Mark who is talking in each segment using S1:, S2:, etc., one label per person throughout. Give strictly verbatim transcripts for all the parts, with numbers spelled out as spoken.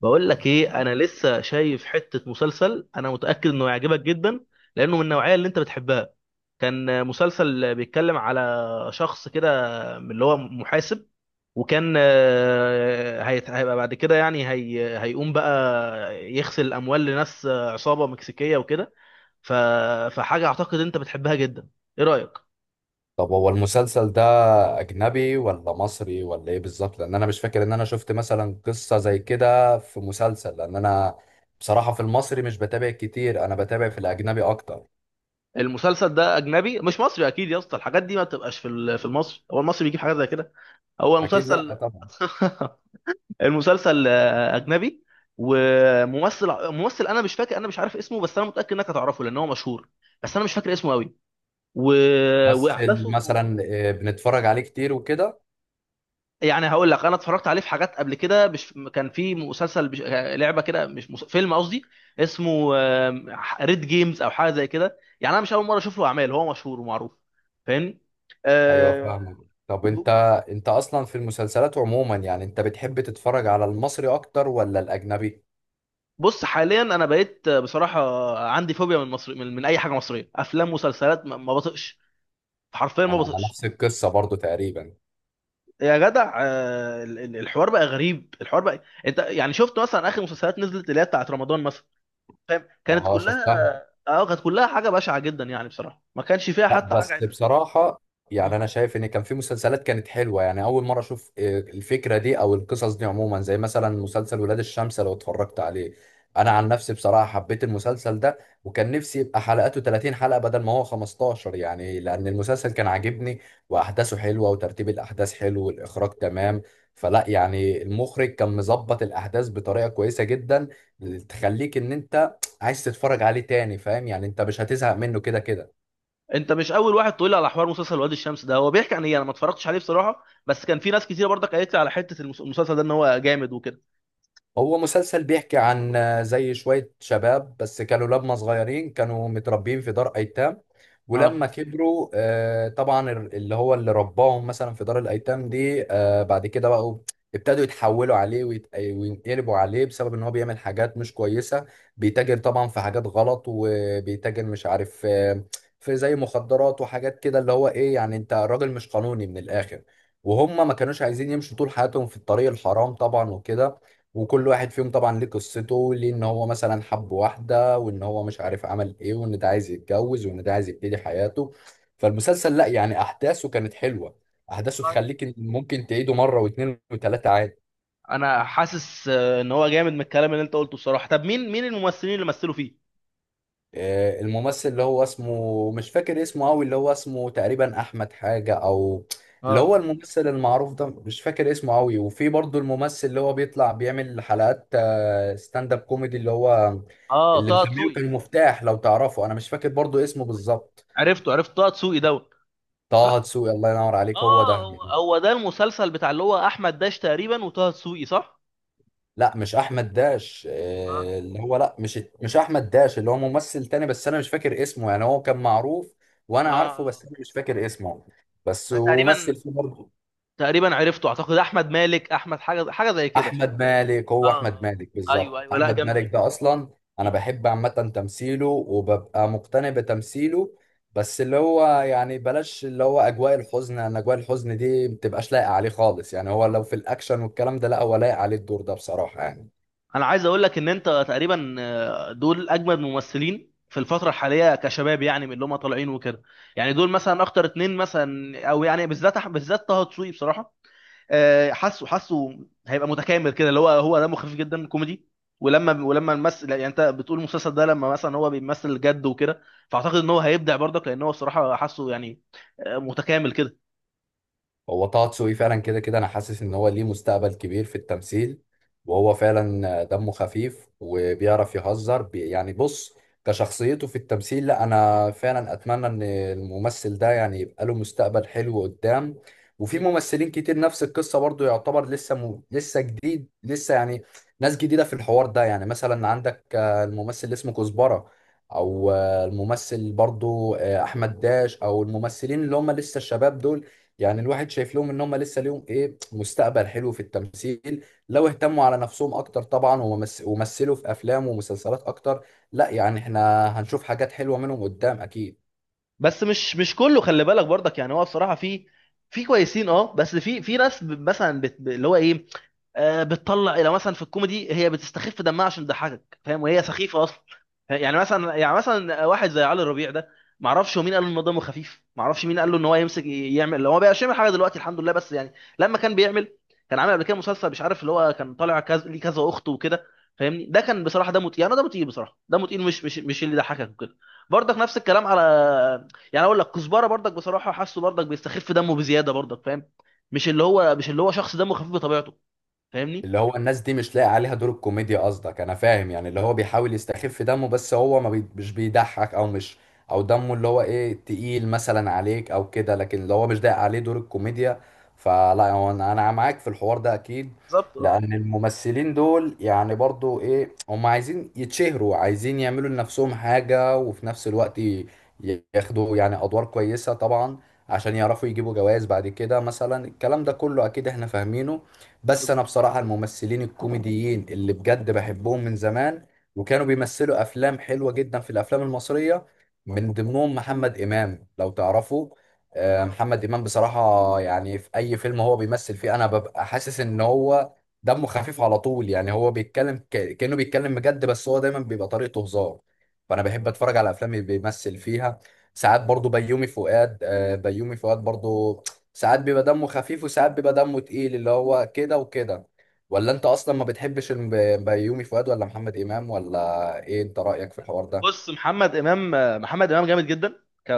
S1: بقول لك ايه، انا لسه شايف حته مسلسل، انا متاكد انه يعجبك جدا. لانه من النوعيه اللي انت بتحبها. كان مسلسل بيتكلم على شخص كده، من اللي هو محاسب. وكان آه، هيت- هيبقى بعد كده، يعني هي هيقوم بقى يغسل الاموال لناس، آه، عصابه مكسيكيه وكده. ف- فحاجه اعتقد انت بتحبها جدا. ايه رايك؟
S2: طب هو المسلسل ده أجنبي ولا مصري ولا إيه بالظبط؟ لأن أنا مش فاكر إن أنا شفت مثلا قصة زي كده في مسلسل. لأن أنا بصراحة في المصري مش بتابع كتير، أنا بتابع في الأجنبي أكتر.
S1: المسلسل ده اجنبي مش مصري اكيد يا اسطى، الحاجات دي ما بتبقاش في ال- في المصري. هو المصري بيجيب حاجات زي كده؟ هو
S2: أكيد لأ،
S1: مسلسل
S2: طبعا.
S1: المسلسل آه، اجنبي. وممثل ممثل، انا مش فاكر، انا مش عارف اسمه، بس انا متاكد انك هتعرفه لان هو مشهور. بس انا مش فاكر اسمه قوي. و...
S2: ممثل
S1: واحداثه.
S2: مثلا؟ آه، بنتفرج عليه كتير وكده.
S1: يعني هقول لك، انا اتفرجت عليه في حاجات قبل كده. مش كان في مسلسل بش... آه، لعبه كده، مش مس... فيلم قصدي. اسمه ريد جيمز او حاجه زي كده. يعني انا مش اول مره اشوف له اعمال، هو مشهور ومعروف. فاهمني؟
S2: ايوه
S1: آه،
S2: فاهمك. طب انت
S1: و-
S2: انت اصلا في المسلسلات عموما، يعني انت بتحب تتفرج على المصري اكتر ولا الاجنبي؟
S1: بص، حاليا انا بقيت بصراحه عندي فوبيا من مصر، من, من اي حاجه مصريه، افلام، مسلسلات، ما ما بطقش. حرفيا ما
S2: انا أنا
S1: بطقش.
S2: نفس القصة برضو تقريبا.
S1: يا جدع، آه، ال- ال- الحوار بقى غريب. الحوار بقى، انت يعني شفت مثلا اخر مسلسلات نزلت اللي هي بتاعت رمضان مثلا؟ فاهم؟ كانت
S2: اه
S1: كلها.
S2: شفتها.
S1: اه، كانت كلها حاجه بشعه جدا يعني بصراحه، ما كانش فيها
S2: لا
S1: حتى حاجه
S2: بس
S1: عدل.
S2: بصراحة،
S1: مم.
S2: يعني أنا شايف إن كان في مسلسلات كانت حلوة، يعني أول مرة أشوف آه، الفكرة دي أو القصص دي عموما، زي مثلا مسلسل ولاد الشمس لو اتفرجت عليه. أنا عن نفسي بصراحة حبيت المسلسل ده، وكان نفسي يبقى حلقاته ثلاثين حلقة بدل ما هو خمستاشر، يعني لأن المسلسل كان عاجبني وأحداثه حلوة وترتيب الأحداث حلو والإخراج تمام. فلا يعني المخرج كان مظبط الأحداث بطريقة كويسة جدا، تخليك إن أنت عايز تتفرج عليه تاني، فاهم؟ يعني أنت مش هتزهق منه كده كده.
S1: انت مش اول واحد تقول لي على حوار مسلسل وادي الشمس ده. هو بيحكي عن ايه؟ انا ما اتفرجتش عليه بصراحه، بس كان في ناس كتير برضك قالت لي على حته المس- المسلسل ده ان هو جامد وكده.
S2: هو مسلسل بيحكي عن آه، زي شوية شباب، بس كانوا لما صغيرين كانوا متربيين في دار أيتام.
S1: اه،
S2: ولما كبروا آه، طبعا ال- اللي هو اللي رباهم مثلا في دار الأيتام دي، آه، بعد كده بقوا ابتدوا يتحولوا عليه ويت- وينقلبوا عليه، بسبب ان هو بيعمل حاجات مش كويسة. بيتاجر طبعا في حاجات غلط، وبيتاجر مش عارف، آه، في زي مخدرات وحاجات كده. اللي هو ايه يعني، انت راجل مش قانوني من الآخر. وهم ما كانوش عايزين يمشوا طول حياتهم في الطريق الحرام طبعا وكده. وكل واحد فيهم طبعا ليه قصته، ليه ان هو مثلا حب واحدة، وان هو مش عارف عمل ايه، وان ده عايز يتجوز، وان ده عايز يبتدي حياته. فالمسلسل لا يعني احداثه كانت حلوة، احداثه
S1: والله
S2: تخليك إن ممكن تعيده مرة واثنين وثلاثة عادي.
S1: انا حاسس آه، ان هو جامد من الكلام اللي انت قلته بصراحه. طب مين مين الممثلين اللي مثلوا فيه؟
S2: آه، الممثل اللي هو اسمه مش فاكر اسمه قوي، اللي هو اسمه تقريبا احمد حاجة، او اللي هو
S1: اه،
S2: الممثل المعروف ده مش فاكر اسمه قوي. وفي برضه الممثل اللي هو بيطلع بيعمل حلقات ستاند اب كوميدي، اللي هو
S1: اه،
S2: اللي
S1: طه
S2: مسميه
S1: دسوقي.
S2: كان مفتاح، لو تعرفه، انا مش فاكر برضه
S1: اه،
S2: اسمه
S1: أيوة.
S2: بالظبط.
S1: عرفته، عرفت طه دسوقي دوت.
S2: طه
S1: صح.
S2: دسوقي، الله ينور عليك، هو ده.
S1: آه، هو هو ده المسلسل بتاع اللي هو احمد داش تقريبا وطه دسوقي، صح؟
S2: لا مش احمد داش،
S1: اه،
S2: آه، اللي هو لا مش مش احمد داش، اللي هو ممثل تاني، بس انا مش فاكر اسمه، يعني هو كان معروف. وانا
S1: اه،
S2: عارفه بس
S1: اه.
S2: انا مش فاكر اسمه. بس
S1: انا تقريبا،
S2: ومثل فيه برضه.
S1: تقريبا عرفته، اعتقد احمد مالك، احمد حاجه حاجه زي كده.
S2: احمد مالك،
S1: اه،
S2: هو احمد
S1: آه.
S2: مالك
S1: ايوه،
S2: بالظبط.
S1: ايوه، لا
S2: احمد مالك
S1: جامدين
S2: ده
S1: بصراحة.
S2: اصلا. انا بحب عامه تمثيله وببقى مقتنع بتمثيله. بس اللي هو يعني بلاش اللي هو اجواء الحزن، ان اجواء الحزن دي متبقاش لايقه عليه خالص، يعني هو لو في الاكشن والكلام ده لا هو لايق عليه الدور ده بصراحه يعني.
S1: انا عايز اقول لك ان انت تقريبا، آه، دول اجمد ممثلين في الفتره الحاليه كشباب، يعني من اللي هم طالعين وكده. يعني دول مثلا اكتر اتنين مثلا، او يعني بالذات أح- بالذات طه دسوقي بصراحه. آه، حاسه حاسه هيبقى متكامل كده. اللي هو هو دمه خفيف جدا، كوميدي. ولما ولما الممثل، يعني انت بتقول المسلسل ده، لما مثلا هو بيمثل جد وكده، فاعتقد ان هو هيبدع برضك، لان هو الصراحه حاسه يعني آه، متكامل كده.
S2: هو طه دسوقي فعلا كده كده انا حاسس ان هو ليه مستقبل كبير في التمثيل. وهو فعلا دمه خفيف وبيعرف يهزر بي يعني، بص، كشخصيته في التمثيل، لا انا فعلا اتمنى ان الممثل ده يعني يبقى له مستقبل حلو قدام. وفي ممثلين كتير نفس القصة برضو، يعتبر لسه م... لسه جديد، لسه يعني ناس جديدة في الحوار ده. يعني مثلا عندك آه، الممثل اللي اسمه كزبرة، او آه، الممثل برضو آه، احمد داش، او الممثلين اللي هم لسه الشباب دول. يعني الواحد شايف لهم ان هم لسه ليهم ايه مستقبل حلو في التمثيل، لو اهتموا على نفسهم اكتر طبعا ومس- ومثلوا في افلام ومسلسلات اكتر. لا يعني احنا هنشوف حاجات حلوة منهم قدام اكيد.
S1: بس مش مش كله، خلي بالك برضك، يعني هو بصراحه في في كويسين، اه، بس في في ناس ب- مثلا بت... ب- اللي هو ايه، آه، بتطلع لو مثلا في الكوميدي هي بتستخف دمها عشان تضحكك، فاهم؟ وهي سخيفه اصلا. يعني مثلا يعني مثلا واحد زي علي ربيع ده، ما اعرفش هو مين قال له ان هو دمه خفيف، ما اعرفش مين قال له ان هو يمسك يعمل. لو هو بقى يعمل حاجه دلوقتي، الحمد لله، بس يعني لما كان بيعمل، كان عامل قبل كده مسلسل مش عارف اللي هو كان طالع كذا ليه كذا اخت وكده. فاهمني؟ ده كان بصراحه دمه تقيل، انا دمه تقيل بصراحه، دمه تقيل مش مش مش اللي يضحكك وكده. برضك نفس الكلام على، يعني اقول لك، كزبره برضك بصراحه حاسه برضك بيستخف دمه بزياده برضك، فاهم؟ مش اللي هو مش اللي هو شخص دمه خفيف بطبيعته. فاهمني؟
S2: اللي هو الناس دي مش لاقي عليها دور الكوميديا قصدك، انا فاهم، يعني اللي هو بيحاول يستخف دمه بس هو ما بي... مش بيضحك، او مش، او دمه اللي هو ايه تقيل مثلا عليك او كده، لكن اللي هو مش لاقي عليه دور الكوميديا. فلا هو انا أنا معاك في الحوار ده اكيد.
S1: بالظبط، اه،
S2: لان الممثلين دول يعني برضو ايه، هم عايزين يتشهروا، عايزين يعملوا لنفسهم حاجة، وفي نفس الوقت ي- ياخدوا يعني ادوار كويسة طبعا، عشان يعرفوا يجيبوا جوائز بعد كده مثلا. الكلام ده كله اكيد احنا فاهمينه. بس انا
S1: بالظبط،
S2: بصراحه الممثلين الكوميديين اللي بجد بحبهم من زمان، وكانوا بيمثلوا افلام حلوه جدا في الافلام المصريه. من ضمنهم محمد امام، لو تعرفوا. آه،
S1: اه.
S2: محمد امام بصراحه، يعني في اي فيلم هو بيمثل فيه انا ببقى حاسس ان هو دمه خفيف على طول. يعني هو بيتكلم ك- كانه بيتكلم بجد، بس هو دايما بيبقى طريقته هزار. فانا بحب
S1: هو
S2: اتفرج على الافلام اللي بيمثل فيها. ساعات برضو بيومي فؤاد، آه، بيومي فؤاد برضو ساعات بيبقى دمه خفيف وساعات بيبقى دمه تقيل، اللي هو كده وكده. ولا انت اصلا ما بتحبش الم- بيومي فؤاد ولا محمد امام ولا ايه، انت رايك في الحوار ده؟
S1: بص، محمد امام، محمد امام جامد جدا، ك...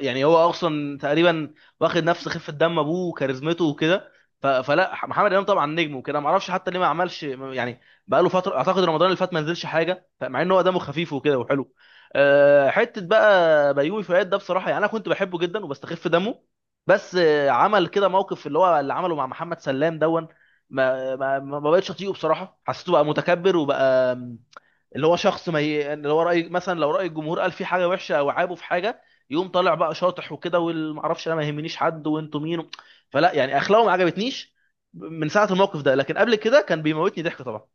S1: يعني هو اصلا تقريبا واخد نفس خفه دم ابوه وكاريزمته وكده. ف... فلا، محمد امام طبعا نجم وكده، ما اعرفش حتى ليه ما عملش يعني بقى له فتره، اعتقد رمضان اللي فات ما نزلش حاجه، مع ان هو دمه خفيف وكده وحلو. أه، حته بقى بيومي فؤاد ده بصراحه، يعني انا كنت بحبه جدا وبستخف دمه. بس آه، عمل كده موقف اللي هو اللي عمله مع محمد سلام دون، ما ما ما ما بقتش اطيقه بصراحه، حسيته بقى متكبر وبقى اللي هو شخص ما ي... اللي هو، راي مثلا لو راي الجمهور قال في حاجه وحشه او عابه في حاجه، يقوم طالع بقى شاطح وكده، والمعرفش انا، ما يهمنيش حد، وانتوا مين و... فلا يعني اخلاقه ما عجبتنيش من ساعه الموقف ده. لكن قبل كده كان بيموتني ضحك طبعا.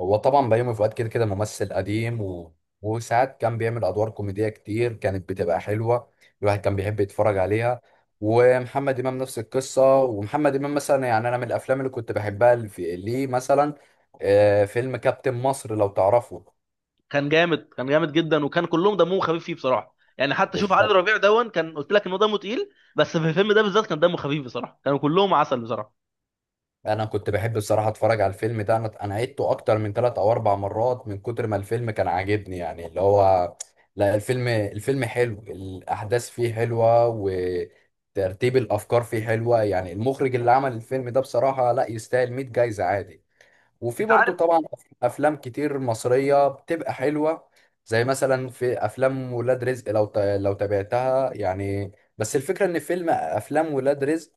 S2: هو طبعا بيومي فؤاد كده كده ممثل قديم، و... وساعات كان بيعمل ادوار كوميديه كتير كانت بتبقى حلوه، الواحد كان بيحب يتفرج عليها. ومحمد امام نفس القصه. ومحمد امام مثلا، يعني انا من الافلام اللي كنت بحبها اللي في- ليه مثلا آه، فيلم كابتن مصر، لو تعرفه.
S1: كان جامد، كان جامد جدا، وكان كلهم دمهم خفيف فيه بصراحه. يعني حتى شوف علي
S2: بالظبط.
S1: ربيع دون، كان قلت لك ان هو دمه تقيل، بس في الفيلم ده بالذات كان دمه خفيف بصراحه، كانوا كلهم عسل بصراحه.
S2: انا كنت بحب بصراحه اتفرج على الفيلم ده، انا انا عدته اكتر من ثلاث او اربع مرات من كتر ما الفيلم كان عاجبني يعني. اللي هو لا الفيلم، الفيلم حلو، الاحداث فيه حلوه وترتيب الافكار فيه حلوه. يعني المخرج اللي عمل الفيلم ده بصراحه لا يستاهل مائة جايزه عادي. وفي
S1: انت
S2: برضه
S1: عارف.
S2: طبعا افلام كتير مصريه بتبقى حلوه، زي مثلا في افلام ولاد رزق، لو ت- لو تابعتها يعني. بس الفكره ان فيلم افلام ولاد رزق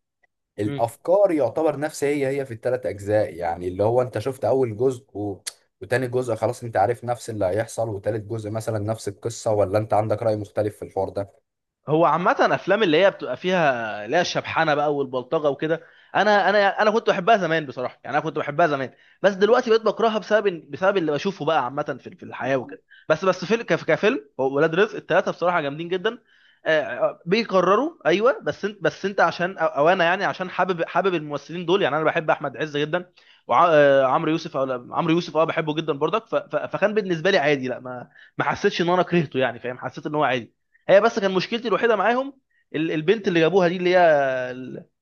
S1: مم.
S2: الافكار يعتبر نفس هي هي في الثلاث اجزاء. يعني اللي هو انت شفت اول جزء و... وتاني جزء خلاص انت عارف نفس اللي هيحصل، وتالت جزء مثلا نفس القصة، ولا انت عندك رأي مختلف في الحوار ده؟
S1: هو عامة أفلام اللي هي بتبقى فيها اللي هي الشبحانة بقى والبلطجة وكده، أنا أنا أنا كنت بحبها زمان بصراحة، يعني أنا كنت بحبها زمان. بس دلوقتي بقيت بكرهها بسبب بسبب اللي بشوفه بقى عامة في في الحياة وكده. بس بس فيلم كف- كفيلم هو ولاد رزق التلاتة بصراحة جامدين جدا. آه، آه، بيكرروا، أيوه، بس أنت بس أنت عشان أو أو أنا، يعني عشان حابب حابب الممثلين دول. يعني أنا بحب أحمد عز جدا وعمرو يوسف. أو لا، عمرو يوسف، أه، بحبه جدا برضك. ف- ف- فكان بالنسبة لي عادي، لا، ما ما حسيتش إن أنا كرهته، يعني فاهم، حسيت إن هو عادي. هي بس كان مشكلتي الوحيده معاهم ال- البنت اللي جابوها دي، اللي هي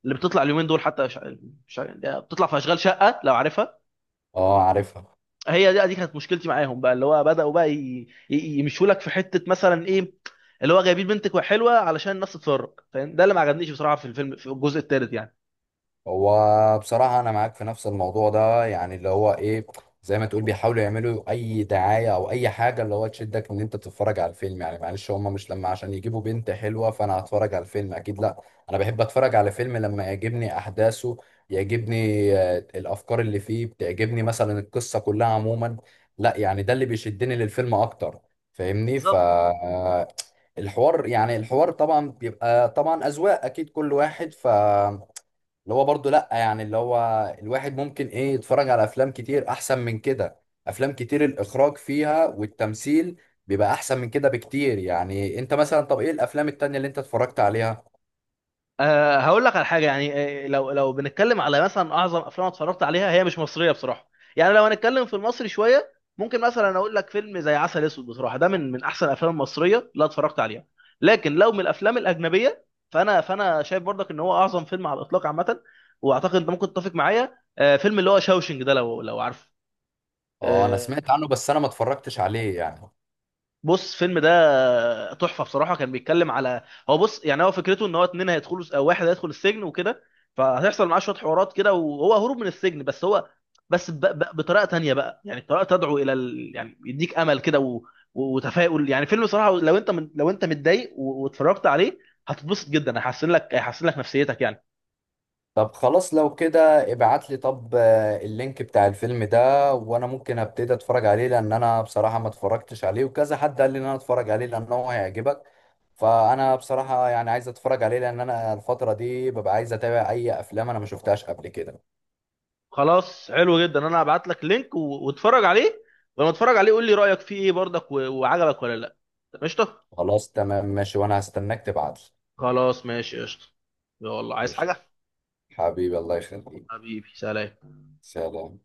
S1: اللي بتطلع اليومين دول، حتى ش... ش... بتطلع في اشغال شقه لو عارفها.
S2: اه عارفها.
S1: هي دي دي كانت مشكلتي معاهم، بقى اللي هو بداوا بقى ي... ي- يمشوا لك في حته مثلا ايه، اللي هو جايبين بنتك حلوه علشان الناس تتفرج، فاهم؟ ده اللي ما عجبنيش بصراحه في الفيلم في الجزء الثالث يعني.
S2: هو بصراحة أنا معاك في نفس الموضوع ده، يعني اللي هو إيه، زي ما تقول بيحاولوا يعملوا أي دعاية أو أي حاجة اللي هو تشدك إن أنت تتفرج على الفيلم. يعني معلش هما مش لما عشان يجيبوا بنت حلوة فأنا هتفرج على الفيلم، أكيد لأ. أنا بحب أتفرج على فيلم لما يعجبني أحداثه، يعجبني آه، الأفكار اللي فيه بتعجبني، مثلا القصة كلها عموما. لأ يعني ده اللي بيشدني للفيلم أكتر، فاهمني؟ ف
S1: بالظبط، بالظبط.
S2: آه، الحوار، يعني الحوار طبعا بيبقى طبعا أذواق، أكيد كل واحد. ف اللي هو برضو، لا يعني اللي هو الواحد ممكن ايه يتفرج على افلام كتير احسن من كده. افلام كتير الاخراج فيها والتمثيل بيبقى احسن من كده بكتير. يعني انت مثلا، طب ايه الافلام التانية اللي انت اتفرجت عليها؟
S1: أه، هقول لك على حاجه يعني. آه، لو لو بنتكلم على مثلا اعظم افلام أنا اتفرجت عليها، هي مش مصريه بصراحه. يعني لو هنتكلم في المصري شويه، ممكن مثلا اقول لك فيلم زي عسل اسود، بصراحه ده من من احسن الافلام المصريه اللي اتفرجت عليها. لكن لو من الافلام الاجنبيه، فانا فانا شايف برضك ان هو اعظم فيلم على الاطلاق عامه. واعتقد انت ممكن تتفق معايا، آه، فيلم اللي هو شاوشنج ده، لو لو عارفه.
S2: اه انا
S1: آه،
S2: سمعت عنه بس انا ما اتفرجتش عليه يعني.
S1: بص، الفيلم ده تحفه بصراحه. كان بيتكلم على، هو بص، يعني هو فكرته ان هو اتنين هيدخلوا، او واحد هيدخل السجن وكده، فهيحصل معاه شويه حوارات كده، وهو هروب من السجن، بس هو بس ب... ب... بطريقه تانية بقى، يعني طريقه تدعو الى ال... يعني يديك امل كده و... و- وتفاؤل يعني. فيلم بصراحه لو انت من... لو انت متضايق و... واتفرجت عليه، هتتبسط جدا، هيحسن لك هيحسن لك نفسيتك يعني.
S2: طب خلاص لو كده ابعت لي، طب آه، اللينك بتاع الفيلم ده، وانا ممكن ابتدي اتفرج عليه لان انا بصراحة ما اتفرجتش عليه، وكذا حد قال لي ان انا اتفرج عليه لان هو هيعجبك. فانا بصراحة يعني عايز اتفرج عليه لان انا الفترة دي ببقى عايز اتابع اي افلام انا ما شفتهاش قبل كده.
S1: خلاص، حلو جدا، انا هبعت لك لينك و... واتفرج عليه. ولما تتفرج عليه قول لي رايك فيه ايه برضك، و... وعجبك ولا لا. قشطه.
S2: خلاص تمام ماشي، وانا هستناك تبعت
S1: خلاص، ماشي، قشطة. يلا،
S2: لي.
S1: عايز
S2: قشطة.
S1: حاجة؟
S2: حبيبي، الله يخليك.
S1: حبيبي، سلام.
S2: سلام.